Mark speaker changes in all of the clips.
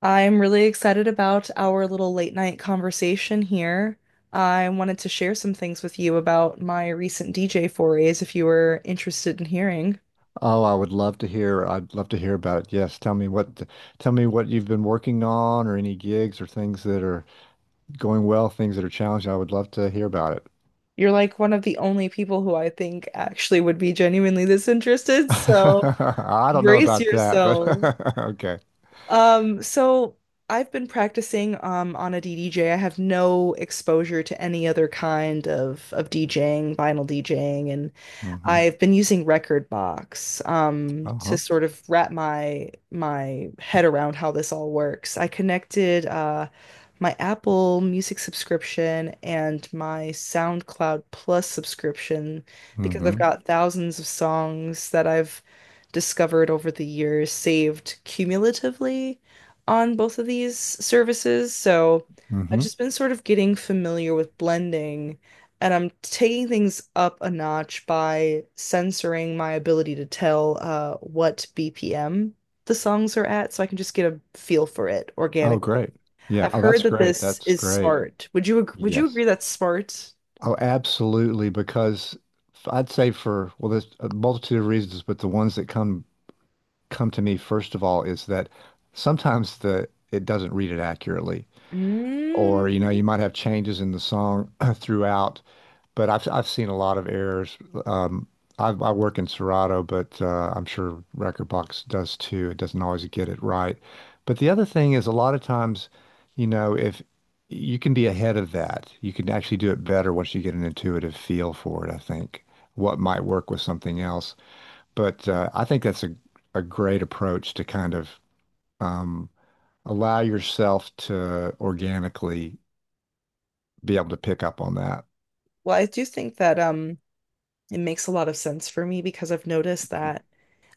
Speaker 1: I'm really excited about our little late night conversation here. I wanted to share some things with you about my recent DJ forays if you were interested in hearing.
Speaker 2: Oh, I would love to hear. I'd love to hear about it. Yes, tell me what you've been working on, or any gigs or things that are going well, things that are challenging. I would love to hear about it.
Speaker 1: You're like one of the only people who I think actually would be genuinely this interested, so
Speaker 2: I don't know
Speaker 1: brace
Speaker 2: about that, but
Speaker 1: yourself.
Speaker 2: okay.
Speaker 1: So I've been practicing on a DDJ. I have no exposure to any other kind of DJing, vinyl DJing, and
Speaker 2: Mm-hmm.
Speaker 1: I've been using Record, to
Speaker 2: Uh-huh.
Speaker 1: sort of wrap my head around how this all works. I connected, my Apple Music subscription and my SoundCloud Plus subscription because I've
Speaker 2: Mm-hmm.
Speaker 1: got thousands of songs that I've discovered over the years saved cumulatively on both of these services. So I've
Speaker 2: Mm-hmm.
Speaker 1: just been sort of getting familiar with blending. And I'm taking things up a notch by censoring my ability to tell, what BPM the songs are at, so I can just get a feel for it
Speaker 2: Oh,
Speaker 1: organically.
Speaker 2: great. Yeah.
Speaker 1: I've
Speaker 2: Oh,
Speaker 1: heard
Speaker 2: that's
Speaker 1: that
Speaker 2: great.
Speaker 1: this
Speaker 2: That's
Speaker 1: is
Speaker 2: great.
Speaker 1: smart. Would you
Speaker 2: Yes.
Speaker 1: agree that's smart?
Speaker 2: Oh, absolutely. Because I'd say for, well, there's a multitude of reasons, but the ones that come to me first of all is that sometimes the it doesn't read it accurately, or you know,
Speaker 1: Mm.
Speaker 2: you might have changes in the song throughout, but I've seen a lot of errors. um I, work in Serato, but I'm sure Recordbox does too. It doesn't always get it right, but the other thing is, a lot of times, you know, if you can be ahead of that, you can actually do it better once you get an intuitive feel for it. I think what might work with something else, but I think that's a great approach to kind of um, allow yourself to organically be able to pick up on that.
Speaker 1: Well, I do think that it makes a lot of sense for me because I've noticed that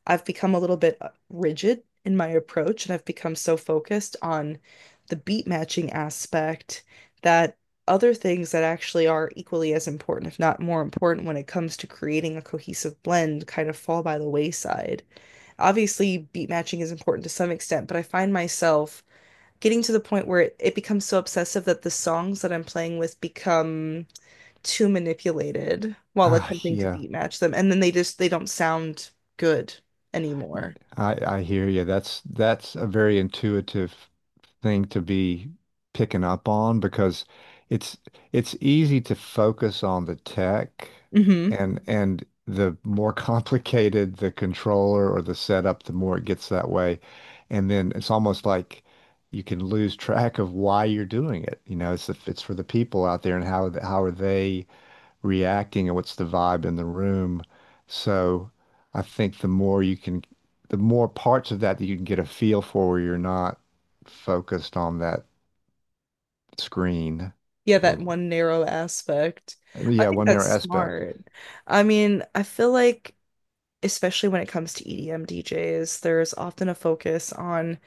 Speaker 1: I've become a little bit, rigid in my approach and I've become so focused on the beat matching aspect that other things that actually are equally as important, if not more important, when it comes to creating a cohesive blend kind of fall by the wayside. Obviously, beat matching is important to some extent, but I find myself getting to the point where it becomes so obsessive that the songs that I'm playing with become too manipulated while
Speaker 2: Ah,
Speaker 1: attempting to
Speaker 2: yeah.
Speaker 1: beat match them. And then they don't sound good anymore.
Speaker 2: I hear you. That's a very intuitive thing to be picking up on, because it's it's easy to focus on the tech.
Speaker 1: Hmm.
Speaker 2: And the more complicated the controller or the setup, the more it gets that way. And then it's almost like you can lose track of why you're doing it. You know, it's for the people out there and how are they reacting and what's the vibe in the room. So I think the more you the more parts of that that you can get a feel for, where you're not focused on that screen,
Speaker 1: Yeah, that
Speaker 2: or,
Speaker 1: one narrow aspect. I
Speaker 2: yeah,
Speaker 1: think
Speaker 2: one
Speaker 1: that's
Speaker 2: narrow aspect.
Speaker 1: smart. I mean, I feel like especially when it comes to EDM DJs, there's often a focus on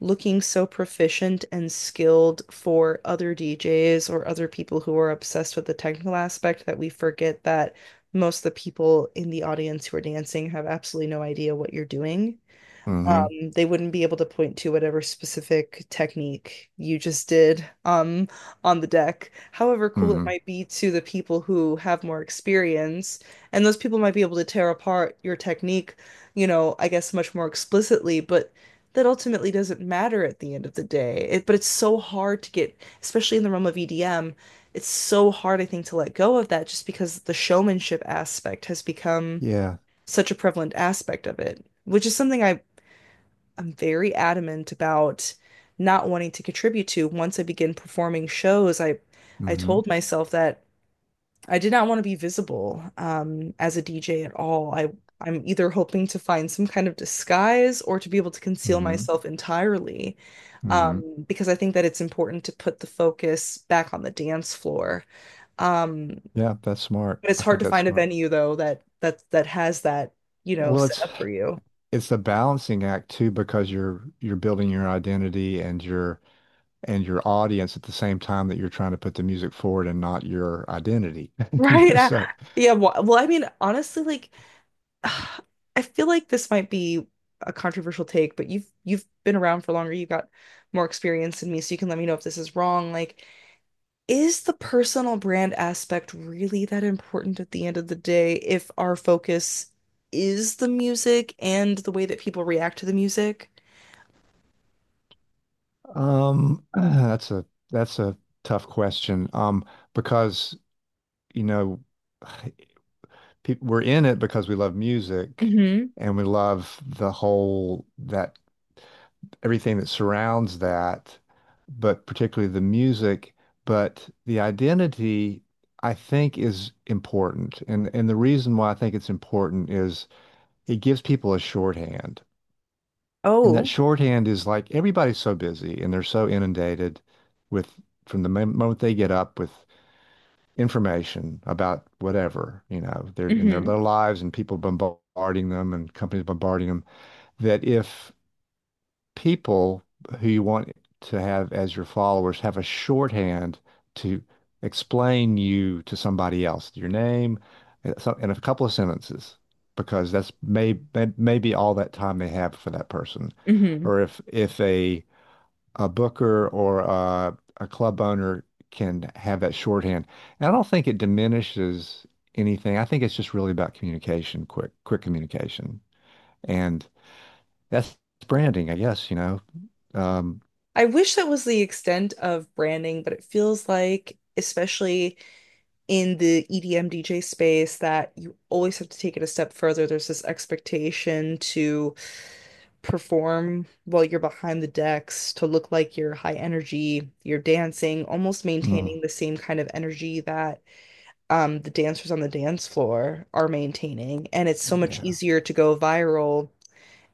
Speaker 1: looking so proficient and skilled for other DJs or other people who are obsessed with the technical aspect that we forget that most of the people in the audience who are dancing have absolutely no idea what you're doing.
Speaker 2: Mm-hmm.
Speaker 1: They wouldn't be able to point to whatever specific technique you just did on the deck, however cool it
Speaker 2: Mm-hmm.
Speaker 1: might be to the people who have more experience, and those people might be able to tear apart your technique, you know, I guess much more explicitly. But that ultimately doesn't matter at the end of the day but it's so hard to get, especially in the realm of EDM. It's so hard, I think, to let go of that just because the showmanship aspect has become
Speaker 2: Yeah.
Speaker 1: such a prevalent aspect of it, which is something I'm very adamant about not wanting to contribute to once I begin performing shows. I
Speaker 2: Mm-hmm.
Speaker 1: told myself that I did not want to be visible, as a DJ at all. I I'm either hoping to find some kind of disguise or to be able to conceal
Speaker 2: Mm-hmm.
Speaker 1: myself entirely,
Speaker 2: Mm-hmm.
Speaker 1: because I think that it's important to put the focus back on the dance floor. Um,
Speaker 2: Yeah, that's smart.
Speaker 1: it's
Speaker 2: I
Speaker 1: hard
Speaker 2: think
Speaker 1: to
Speaker 2: that's
Speaker 1: find a
Speaker 2: smart.
Speaker 1: venue though that has that, you know,
Speaker 2: Well,
Speaker 1: set up for you.
Speaker 2: it's a balancing act too, because you're building your identity and you're and your audience at the same time that you're trying to put the music forward and not your identity. You
Speaker 1: Right.
Speaker 2: know, so
Speaker 1: Yeah. Well, I mean, honestly, like I feel like this might be a controversial take, but you've been around for longer, you've got more experience than me, so you can let me know if this is wrong. Like, is the personal brand aspect really that important at the end of the day if our focus is the music and the way that people react to the music?
Speaker 2: um that's a that's a tough question. Because you know, we're in it because we love music,
Speaker 1: Hmm.
Speaker 2: and we love the whole that everything that surrounds that, but particularly the music, but the identity, I think, is important. And the reason why I think it's important is it gives people a shorthand. And that
Speaker 1: Oh.
Speaker 2: shorthand is like, everybody's so busy and they're so inundated with, from the moment they get up, with information about whatever, you know, they're in their
Speaker 1: Hmm.
Speaker 2: little lives and people bombarding them and companies bombarding them, that if people who you want to have as your followers have a shorthand to explain you to somebody else, your name, in a couple of sentences, because that's maybe all that time they have for that person.
Speaker 1: Hmm.
Speaker 2: Or if a booker or a club owner can have that shorthand, and I don't think it diminishes anything. I think it's just really about communication, quick communication, and that's branding, I guess, you know. Um,
Speaker 1: I wish that was the extent of branding, but it feels like, especially in the EDM DJ space, that you always have to take it a step further. There's this expectation to perform while you're behind the decks, to look like you're high energy, you're dancing, almost
Speaker 2: mm,
Speaker 1: maintaining the same kind of energy that, the dancers on the dance floor are maintaining. And it's so much
Speaker 2: yeah.
Speaker 1: easier to go viral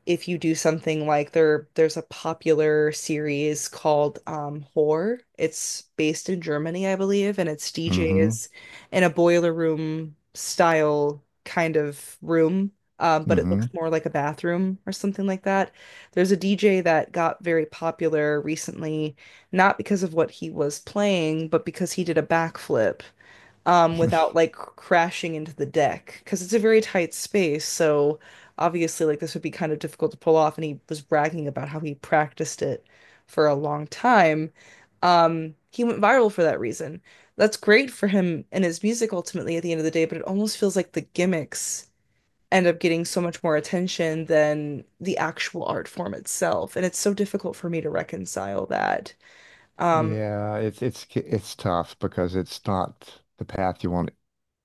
Speaker 1: if you do something like there's a popular series called Whore. It's based in Germany, I believe, and it's
Speaker 2: Mm-hmm.
Speaker 1: DJs in a boiler room style kind of room. But it
Speaker 2: Mm-hmm.
Speaker 1: looks more like a bathroom or something like that. There's a DJ that got very popular recently, not because of what he was playing, but because he did a backflip, without like crashing into the deck because it's a very tight space. So obviously, like this would be kind of difficult to pull off. And he was bragging about how he practiced it for a long time. He went viral for that reason. That's great for him and his music ultimately at the end of the day, but it almost feels like the gimmicks end up getting so much more attention than the actual art form itself. And it's so difficult for me to reconcile that. Um.
Speaker 2: Yeah, it's it's tough because it's not the path you want,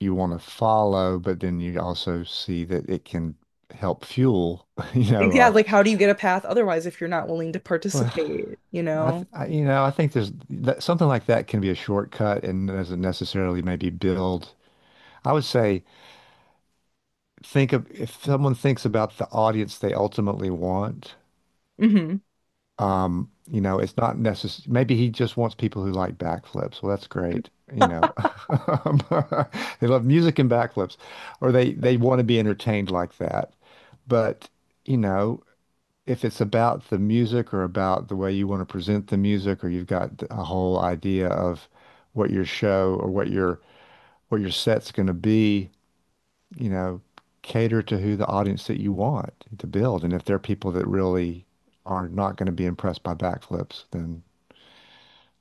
Speaker 2: to follow, but then you also see that it can help fuel, you know,
Speaker 1: Yeah, like how do you get a path otherwise if you're not willing to
Speaker 2: well,
Speaker 1: participate, you
Speaker 2: I, th
Speaker 1: know?
Speaker 2: I you know, I think there's that, something like that can be a shortcut and doesn't necessarily maybe build. I would say, think of, if someone thinks about the audience they ultimately want.
Speaker 1: Hmm.
Speaker 2: You know, it's not necessary. Maybe he just wants people who like backflips. Well, that's great. You know, they love music and backflips, or they want to be entertained like that. But you know, if it's about the music or about the way you want to present the music, or you've got a whole idea of what your show or what your set's going to be, you know, cater to who the audience that you want to build. And if there are people that really are not going to be impressed by backflips, then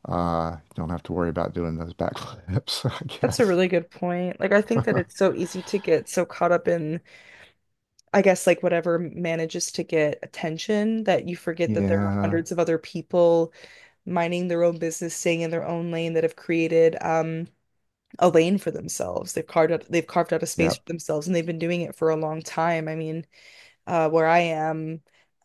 Speaker 2: you don't have to worry about doing those backflips, I
Speaker 1: That's a
Speaker 2: guess.
Speaker 1: really good point. Like I think that it's so easy to get so caught up in, I guess, like whatever manages to get attention, that you forget that there are
Speaker 2: Yeah.
Speaker 1: hundreds of other people minding their own business, staying in their own lane, that have created a lane for themselves. They've carved out a space for
Speaker 2: Yep.
Speaker 1: themselves and they've been doing it for a long time. I mean, where I am,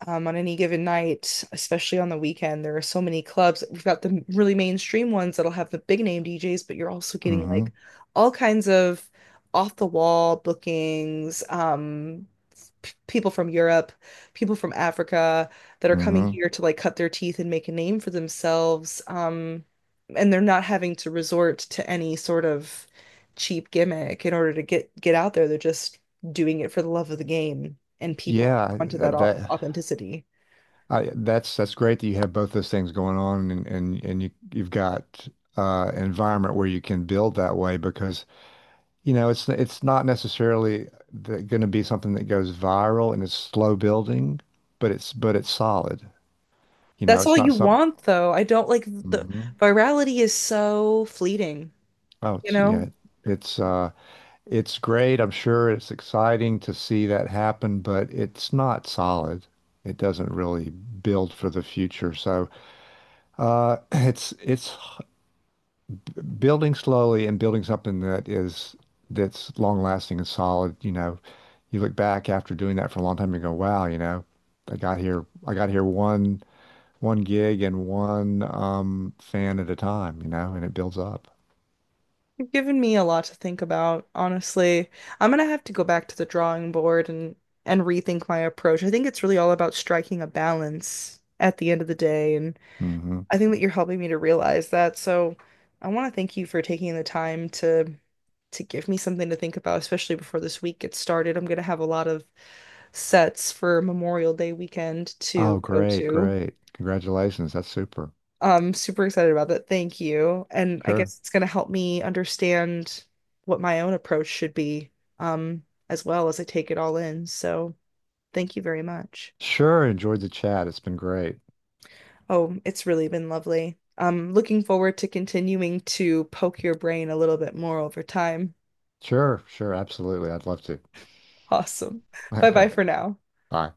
Speaker 1: on any given night, especially on the weekend, there are so many clubs. We've got the really mainstream ones that'll have the big name DJs, but you're also getting
Speaker 2: Hmm.
Speaker 1: like all kinds of off the wall bookings. People from Europe, people from Africa that are coming
Speaker 2: Hmm.
Speaker 1: here to like cut their teeth and make a name for themselves. And they're not having to resort to any sort of cheap gimmick in order to get out there. They're just doing it for the love of the game, and people are
Speaker 2: Yeah.
Speaker 1: onto that authenticity.
Speaker 2: That's great that you have both those things going on, and you you've got an environment where you can build that way, because you know, it's not necessarily going to be something that goes viral, and it's slow building, but it's solid. You know,
Speaker 1: That's all
Speaker 2: it's
Speaker 1: you
Speaker 2: not some.
Speaker 1: want, though. I don't like the—
Speaker 2: Mhm.
Speaker 1: virality is so fleeting,
Speaker 2: Oh,
Speaker 1: you
Speaker 2: it's yeah,
Speaker 1: know?
Speaker 2: it's uh, it's great. I'm sure it's exciting to see that happen, but it's not solid. It doesn't really build for the future. So it's building slowly and building something that is that's long lasting and solid, you know, you look back after doing that for a long time and go, wow, you know, I got here, one gig and one fan at a time, you know, and it builds up.
Speaker 1: You've given me a lot to think about, honestly. I'm gonna have to go back to the drawing board and rethink my approach. I think it's really all about striking a balance at the end of the day, and
Speaker 2: Hmm.
Speaker 1: I think that you're helping me to realize that. So I want to thank you for taking the time to give me something to think about, especially before this week gets started. I'm going to have a lot of sets for Memorial Day weekend
Speaker 2: Oh,
Speaker 1: to go
Speaker 2: great,
Speaker 1: to.
Speaker 2: great. Congratulations. That's super.
Speaker 1: I'm super excited about that. Thank you. And I
Speaker 2: Sure.
Speaker 1: guess it's going to help me understand what my own approach should be, um, as well as I take it all in. So thank you very much.
Speaker 2: Sure. Enjoyed the chat. It's been great.
Speaker 1: Oh, it's really been lovely. I'm looking forward to continuing to poke your brain a little bit more over time.
Speaker 2: Sure, sure, absolutely. I'd love to.
Speaker 1: Awesome. Bye bye
Speaker 2: Okay.
Speaker 1: for now.
Speaker 2: Bye.